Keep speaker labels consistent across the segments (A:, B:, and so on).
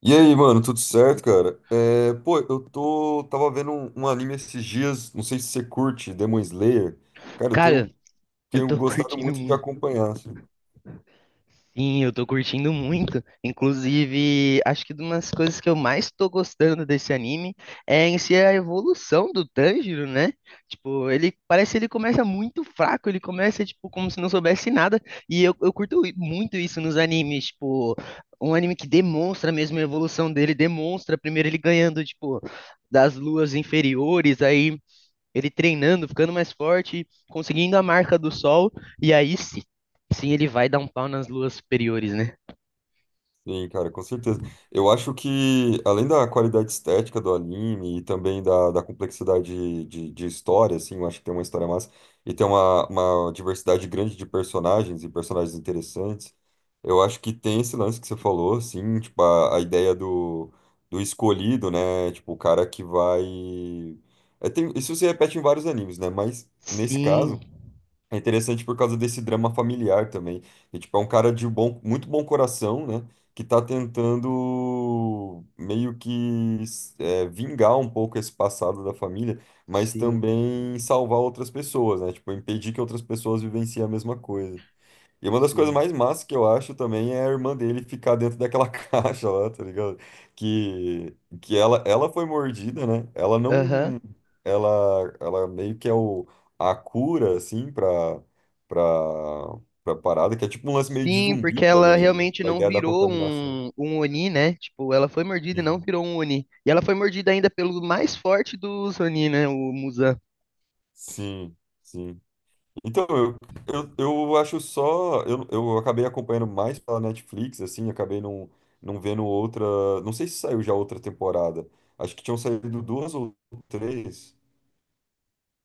A: E aí, mano, tudo certo, cara? Tava vendo um anime esses dias, não sei se você curte, Demon Slayer. Cara,
B: Cara, eu
A: tenho
B: tô
A: gostado
B: curtindo
A: muito de
B: muito.
A: acompanhar assim.
B: Sim, eu tô curtindo muito. Inclusive, acho que uma das coisas que eu mais tô gostando desse anime é em si a evolução do Tanjiro, né? Tipo, ele parece que ele começa muito fraco, ele começa, tipo, como se não soubesse nada. E eu curto muito isso nos animes, tipo, um anime que demonstra mesmo a evolução dele, demonstra primeiro ele ganhando, tipo, das luas inferiores, aí ele treinando, ficando mais forte, conseguindo a marca do sol, e aí sim, sim ele vai dar um pau nas luas superiores, né?
A: Sim, cara, com certeza. Eu acho que, além da qualidade estética do anime e também da complexidade de história, assim, eu acho que tem uma história massa e tem uma diversidade grande de personagens e personagens interessantes. Eu acho que tem esse lance que você falou, assim, tipo, a ideia do, do escolhido, né? Tipo, o cara que vai. É, tem, isso se repete em vários animes, né? Mas, nesse
B: Sim,
A: caso. É interessante por causa desse drama familiar também. E, tipo, é um cara de muito bom coração, né? Que tá tentando meio que vingar um pouco esse passado da família, mas
B: sim,
A: também salvar outras pessoas, né? Tipo, impedir que outras pessoas vivenciem a mesma coisa. E uma das coisas
B: sim.
A: mais massas que eu acho também é a irmã dele ficar dentro daquela caixa lá, tá ligado? Que, que ela foi mordida, né? Ela
B: Aham.
A: não. Ela, ela meio que é o, a cura, assim, pra, pra parada, que é tipo um lance meio de
B: Sim,
A: zumbi
B: porque ela
A: também, né?
B: realmente
A: A
B: não
A: ideia da
B: virou
A: contaminação.
B: um Oni, né? Tipo, ela foi mordida e não
A: Uhum.
B: virou um Oni. E ela foi mordida ainda pelo mais forte dos Oni, né? O Muzan.
A: Sim, sim. Então, eu acho só. Eu acabei acompanhando mais pela Netflix, assim, acabei não vendo outra. Não sei se saiu já outra temporada. Acho que tinham saído duas ou três.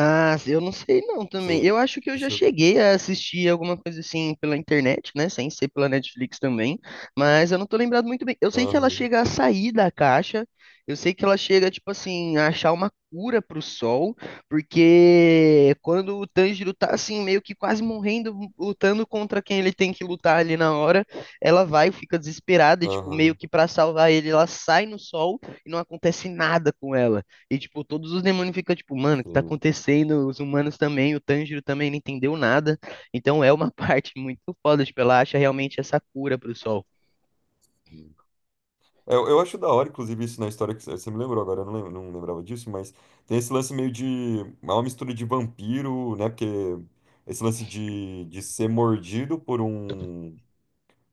B: Ah, eu não sei não também.
A: Você
B: Eu acho que eu já
A: chegou.
B: cheguei a assistir alguma coisa assim pela internet, né? Sem ser pela Netflix também. Mas eu não tô lembrado muito bem. Eu sei que ela
A: Aham,
B: chega a sair da caixa. Eu sei que ela chega, tipo assim, a achar uma cura pro sol. Porque quando o Tanjiro tá assim, meio que quase morrendo, lutando contra quem ele tem que lutar ali na hora, ela vai, fica desesperada e, tipo, meio
A: aham,
B: que pra salvar ele, ela sai no sol e não acontece nada com ela. E, tipo, todos os demônios ficam, tipo, mano, o que tá
A: sim,
B: acontecendo? Os humanos também, o Tanjiro também não entendeu nada. Então é uma parte muito foda, tipo, ela acha realmente essa cura pro sol.
A: sim. É, eu acho da hora, inclusive, isso na história que você me lembrou agora, eu não, não lembrava disso, mas tem esse lance meio de. É uma mistura de vampiro, né? Porque esse lance de ser mordido por um.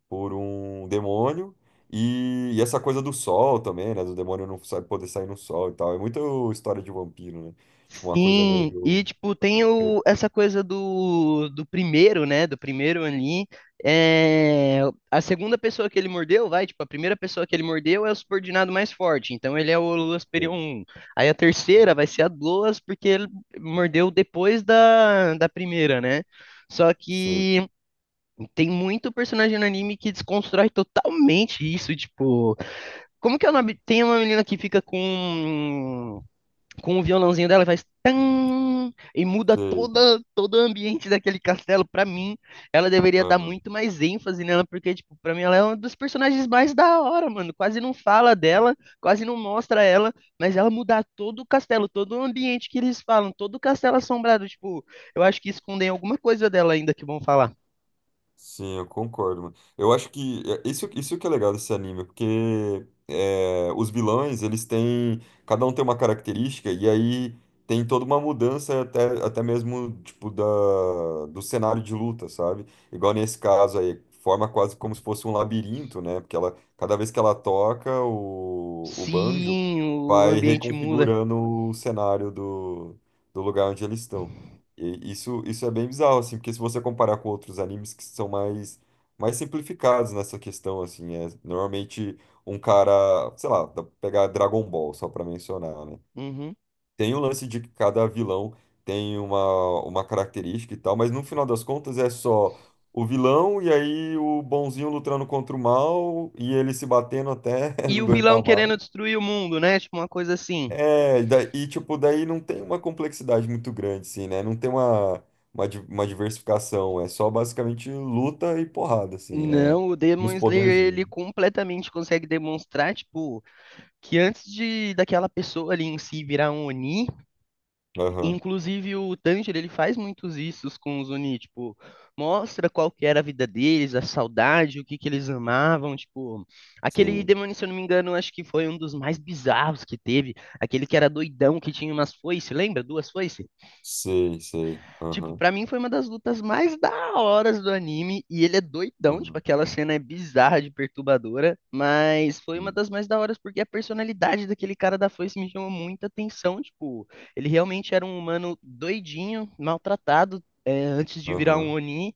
A: Por um demônio. E essa coisa do sol também, né? Do demônio não sabe poder sair no sol e tal. É muito história de vampiro, né? Tipo, uma coisa
B: Sim, e,
A: meio.
B: tipo, tem o, essa coisa do primeiro, né? Do primeiro ali. É, a segunda pessoa que ele mordeu, vai, tipo, a primeira pessoa que ele mordeu é o subordinado mais forte. Então ele é o Loas Perion
A: Sei,
B: 1. Aí a terceira vai ser a Loas, porque ele mordeu depois da primeira, né? Só que tem muito personagem no anime que desconstrói totalmente isso, tipo, como que é o nome? Tem uma menina que fica com o violãozinho dela e faz tan e muda
A: sei.
B: toda todo o ambiente daquele castelo pra mim. Ela deveria dar
A: Aham.
B: muito mais ênfase nela, porque tipo, pra mim ela é uma dos personagens mais da hora, mano. Quase não fala dela, quase não mostra ela, mas ela mudar todo o castelo, todo o ambiente que eles falam, todo o castelo assombrado, tipo, eu acho que escondem alguma coisa dela ainda que vão falar.
A: Sim, eu concordo, mano. Eu acho que é, isso que é legal desse anime, porque é, os vilões, eles têm. Cada um tem uma característica, e aí tem toda uma mudança até mesmo, tipo, da, do cenário de luta, sabe? Igual nesse caso aí, forma quase como se fosse um labirinto, né? Porque ela, cada vez que ela toca o banjo,
B: Sim, o
A: vai
B: ambiente muda.
A: reconfigurando o cenário do, do lugar onde eles estão. E isso é bem bizarro, assim, porque se você comparar com outros animes que são mais simplificados nessa questão, assim, é normalmente um cara, sei lá, dá pra pegar Dragon Ball, só pra mencionar, né?
B: Uhum.
A: Tem o lance de que cada vilão tem uma característica e tal, mas no final das contas é só o vilão e aí o bonzinho lutando contra o mal e ele se batendo até
B: E
A: não
B: o
A: aguentar
B: vilão
A: mais.
B: querendo destruir o mundo, né? Tipo, uma coisa assim.
A: É, e, tipo, daí não tem uma complexidade muito grande, assim, né? Não tem uma, uma diversificação, é só basicamente luta e porrada, assim, é
B: Não, o
A: e
B: Demon
A: os
B: Slayer,
A: poderzinhos.
B: ele completamente consegue demonstrar, tipo, que antes de daquela pessoa ali em si virar um Oni,
A: Aham,
B: inclusive o Tanjiro, ele faz muitos issos com os Oni, tipo, mostra qual que era a vida deles, a saudade, o que que eles amavam, tipo, aquele
A: sei,
B: demônio, se eu não me engano, acho que foi um dos mais bizarros que teve, aquele que era doidão, que tinha umas foices, lembra? Duas foices?
A: sei, sei,
B: Tipo,
A: aham,
B: pra mim foi uma das lutas mais da horas do anime. E ele é doidão, tipo,
A: aham,
B: aquela cena é bizarra de perturbadora. Mas foi uma
A: sim,
B: das mais da horas porque a personalidade daquele cara da foice me chamou muita atenção. Tipo, ele realmente era um humano doidinho, maltratado. É, antes de virar um
A: aham,
B: Oni,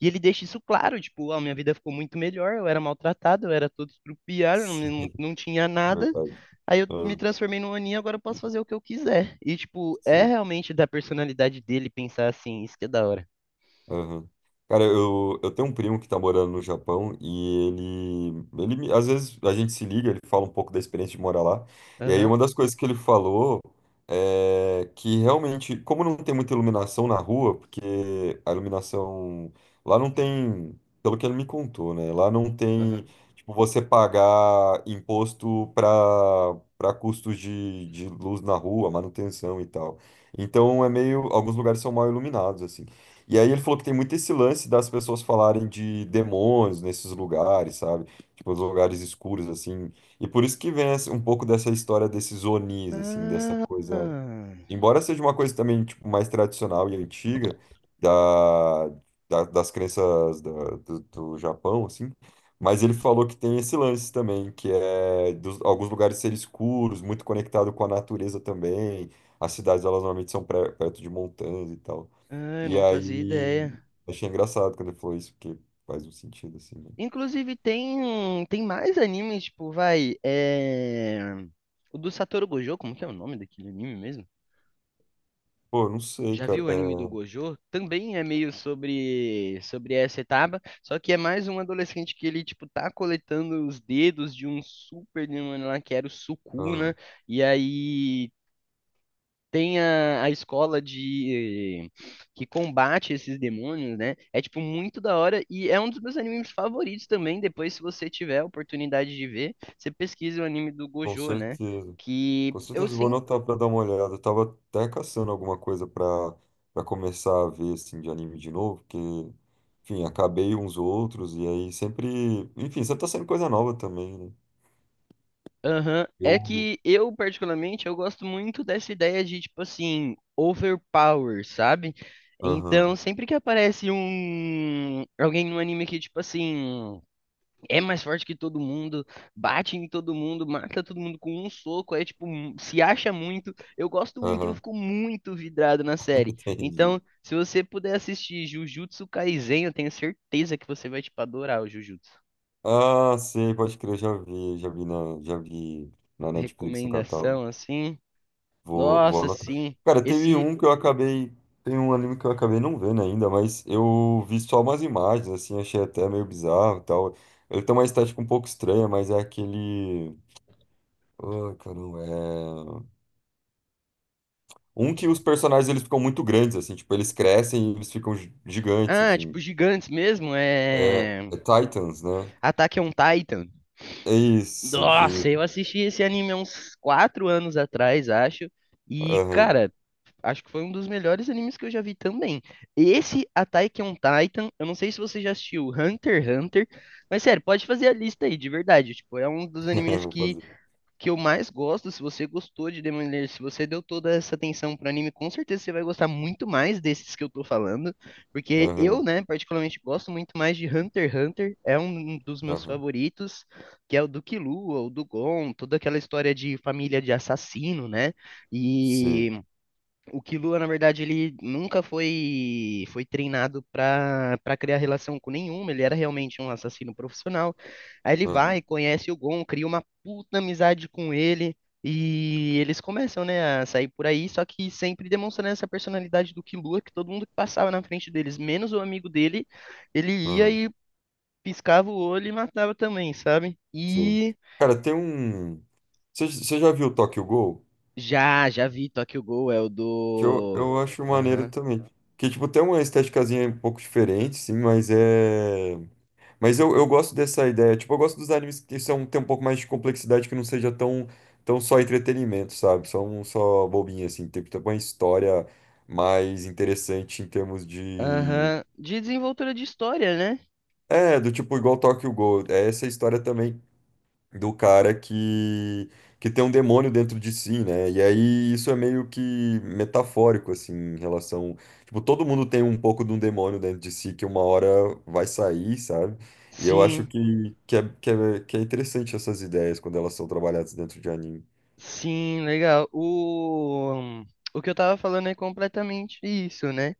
B: e ele deixa isso claro, tipo, a minha vida ficou muito melhor, eu era maltratado, eu era todo estrupiado, não,
A: sim,
B: não, não tinha nada.
A: verdade.
B: Aí eu me
A: Aham,
B: transformei num aninho, agora eu posso fazer o que eu quiser. E, tipo, é
A: sim.
B: realmente da personalidade dele pensar assim, isso que é da hora.
A: Aham. Cara, eu tenho um primo que tá morando no Japão e ele às vezes a gente se liga, ele fala um pouco da experiência de morar lá. E aí
B: Aham,
A: uma das coisas que ele falou é que realmente, como não tem muita iluminação na rua, porque a iluminação lá não tem, pelo que ele me contou, né? Lá não tem,
B: aham.
A: tipo, você pagar imposto para custos de luz na rua, manutenção e tal. Então é meio, alguns lugares são mal iluminados assim. E aí ele falou que tem muito esse lance das pessoas falarem de demônios nesses lugares, sabe? Tipo, os lugares escuros, assim. E por isso que vem um pouco dessa história desses Onis, assim, dessa
B: Ah,
A: coisa. Embora seja uma coisa também, tipo, mais tradicional e antiga da, das crenças do, do Japão, assim. Mas ele falou que tem esse lance também, que é dos, alguns lugares serem escuros, muito conectado com a natureza também. As cidades, elas normalmente são perto de montanhas e tal.
B: ah, eu
A: E
B: não fazia
A: aí,
B: ideia.
A: achei engraçado quando ele falou isso, porque faz um sentido assim, né?
B: Inclusive, tem, tem mais animes, tipo, vai, é... O do Satoru Gojo, como que é o nome daquele anime mesmo?
A: Pô, não sei,
B: Já
A: cara.
B: viu o anime do
A: É,
B: Gojo? Também é meio sobre essa etapa, só que é mais um adolescente que ele tipo tá coletando os dedos de um super demônio lá que era o Sukuna,
A: ah,
B: e aí tem a escola de que combate esses demônios, né? É tipo muito da hora e é um dos meus animes favoritos também. Depois, se você tiver a oportunidade de ver, você pesquisa o anime do
A: com
B: Gojo, né?
A: certeza.
B: Que
A: Com
B: eu
A: certeza vou
B: sempre...
A: anotar pra dar uma olhada. Eu tava até caçando alguma coisa pra, pra começar a ver, assim, de anime de novo, porque, enfim, acabei uns outros, e aí sempre. Enfim, sempre tá saindo coisa nova também, né?
B: Aham. É
A: Eu.
B: que eu, particularmente, eu gosto muito dessa ideia de, tipo assim, overpower, sabe? Então,
A: Aham,
B: sempre que aparece um alguém no anime que, tipo assim, é mais forte que todo mundo, bate em todo mundo, mata todo mundo com um soco, aí, tipo, se acha muito, eu gosto muito, e eu
A: aham,
B: fico muito vidrado na série.
A: entendi.
B: Então, se você puder assistir Jujutsu Kaisen, eu tenho certeza que você vai, tipo, adorar o Jujutsu.
A: Ah, sei, pode crer, já vi na Netflix no catálogo.
B: Recomendação, assim.
A: Vou, vou
B: Nossa,
A: anotar.
B: sim.
A: Cara, teve
B: Esse.
A: um que eu acabei. Tem um anime que eu acabei não vendo ainda, mas eu vi só umas imagens, assim, achei até meio bizarro e tal. Ele tem uma estética um pouco estranha, mas é aquele. Ai, caramba, é. Um que os personagens eles ficam muito grandes, assim, tipo, eles crescem e eles ficam gigantes,
B: Ah,
A: assim.
B: tipo, gigantes mesmo.
A: É,
B: É.
A: é Titans, né?
B: Attack on Titan.
A: É isso.
B: Nossa, eu
A: E...
B: assisti esse anime há uns 4 anos atrás, acho. E,
A: Aham,
B: cara, acho que foi um dos melhores animes que eu já vi também. Esse Attack on Titan, eu não sei se você já assistiu Hunter x Hunter, mas sério, pode fazer a lista aí, de verdade. Tipo, é um dos animes
A: vou
B: que
A: fazer.
B: que eu mais gosto, se você gostou de Demon Slayer, se você deu toda essa atenção pro anime, com certeza você vai gostar muito mais desses que eu tô falando, porque eu,
A: Aham,
B: né, particularmente gosto muito mais de Hunter x Hunter, é um dos meus
A: aham.
B: favoritos, que é o do Killua, o do Gon, toda aquela história de família de assassino, né,
A: Sim.
B: e o Killua, na verdade, ele nunca foi treinado para criar relação com nenhuma, ele era realmente um assassino profissional. Aí ele
A: Aham,
B: vai, conhece o Gon, cria uma puta amizade com ele e eles começam, né, a sair por aí, só que sempre demonstrando essa personalidade do Killua, que todo mundo que passava na frente deles, menos o amigo dele, ele ia
A: aham.
B: e piscava o olho e matava também, sabe?
A: Sim.
B: E
A: Cara, tem um. Você já viu o Tokyo Ghoul?
B: já vi Tokyo Ghoul, é o
A: Que
B: do...
A: eu acho maneiro
B: Aham.
A: também. Que, tipo, tem uma esteticazinha um pouco diferente, sim, mas é. Mas eu gosto dessa ideia. Tipo, eu gosto dos animes que são, tem um pouco mais de complexidade, que não seja tão, tão só entretenimento, sabe? Só um só bobinho, assim. Tem, tem uma história mais interessante em termos de.
B: Aham, de desenvoltura de história, né?
A: É, do tipo, igual Tokyo Ghoul. É essa história também do cara que tem um demônio dentro de si, né? E aí isso é meio que metafórico assim em relação, tipo, todo mundo tem um pouco de um demônio dentro de si que uma hora vai sair, sabe? E eu acho
B: Sim,
A: que que é interessante essas ideias quando elas são trabalhadas dentro de anime.
B: sim, legal. O que eu tava falando é completamente isso, né?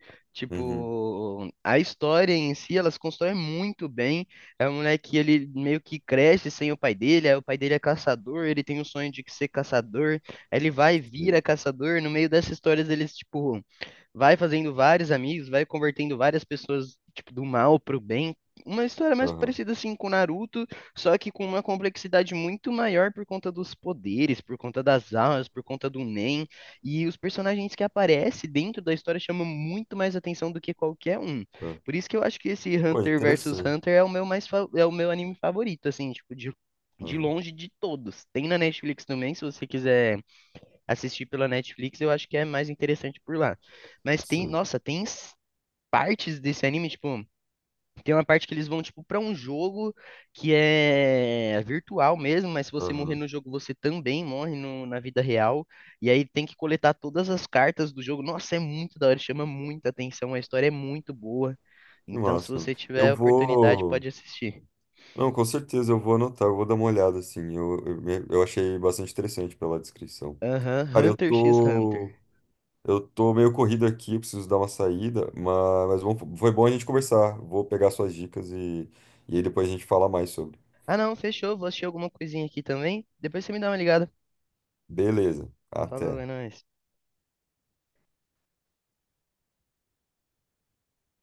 A: Uhum.
B: Tipo, a história em si, elas constroem muito bem. É um moleque, ele meio que cresce sem o pai dele, aí o pai dele é caçador, ele tem o sonho de ser caçador, aí ele vai e vira
A: Sim.
B: caçador. No meio dessas histórias, eles, tipo, vai fazendo vários amigos, vai convertendo várias pessoas, tipo, do mal pro bem. Uma história mais
A: Aham.
B: parecida, assim, com Naruto. Só que com uma complexidade muito maior por conta dos poderes, por conta das almas, por conta do Nen. E os personagens que aparecem dentro da história chamam muito mais atenção do que qualquer um.
A: É.
B: Por isso que eu acho que esse
A: Pô,
B: Hunter versus
A: interessante.
B: Hunter é o meu mais é o meu anime favorito, assim, tipo, de,
A: Aham.
B: longe de todos. Tem na Netflix também, se você quiser assistir pela Netflix, eu acho que é mais interessante por lá. Mas tem,
A: Sim.
B: nossa, tem partes desse anime, tipo. Tem uma parte que eles vão, tipo, pra um jogo que é virtual mesmo, mas se você morrer
A: Aham.
B: no jogo, você também morre na vida real. E aí tem que coletar todas as cartas do jogo. Nossa, é muito da hora, chama muita atenção, a história é muito boa.
A: Que
B: Então, se
A: massa, mano.
B: você tiver
A: Eu
B: a oportunidade,
A: vou.
B: pode assistir.
A: Não, com certeza eu vou anotar, eu vou dar uma olhada, assim. Eu achei bastante interessante pela descrição.
B: Aham,
A: Cara,
B: Hunter x Hunter.
A: eu tô meio corrido aqui, preciso dar uma saída, mas, foi bom a gente conversar. Vou pegar suas dicas e aí depois a gente fala mais sobre.
B: Ah, não, fechou. Vou assistir alguma coisinha aqui também. Depois você me dá uma ligada.
A: Beleza,
B: Falou,
A: até.
B: é nóis.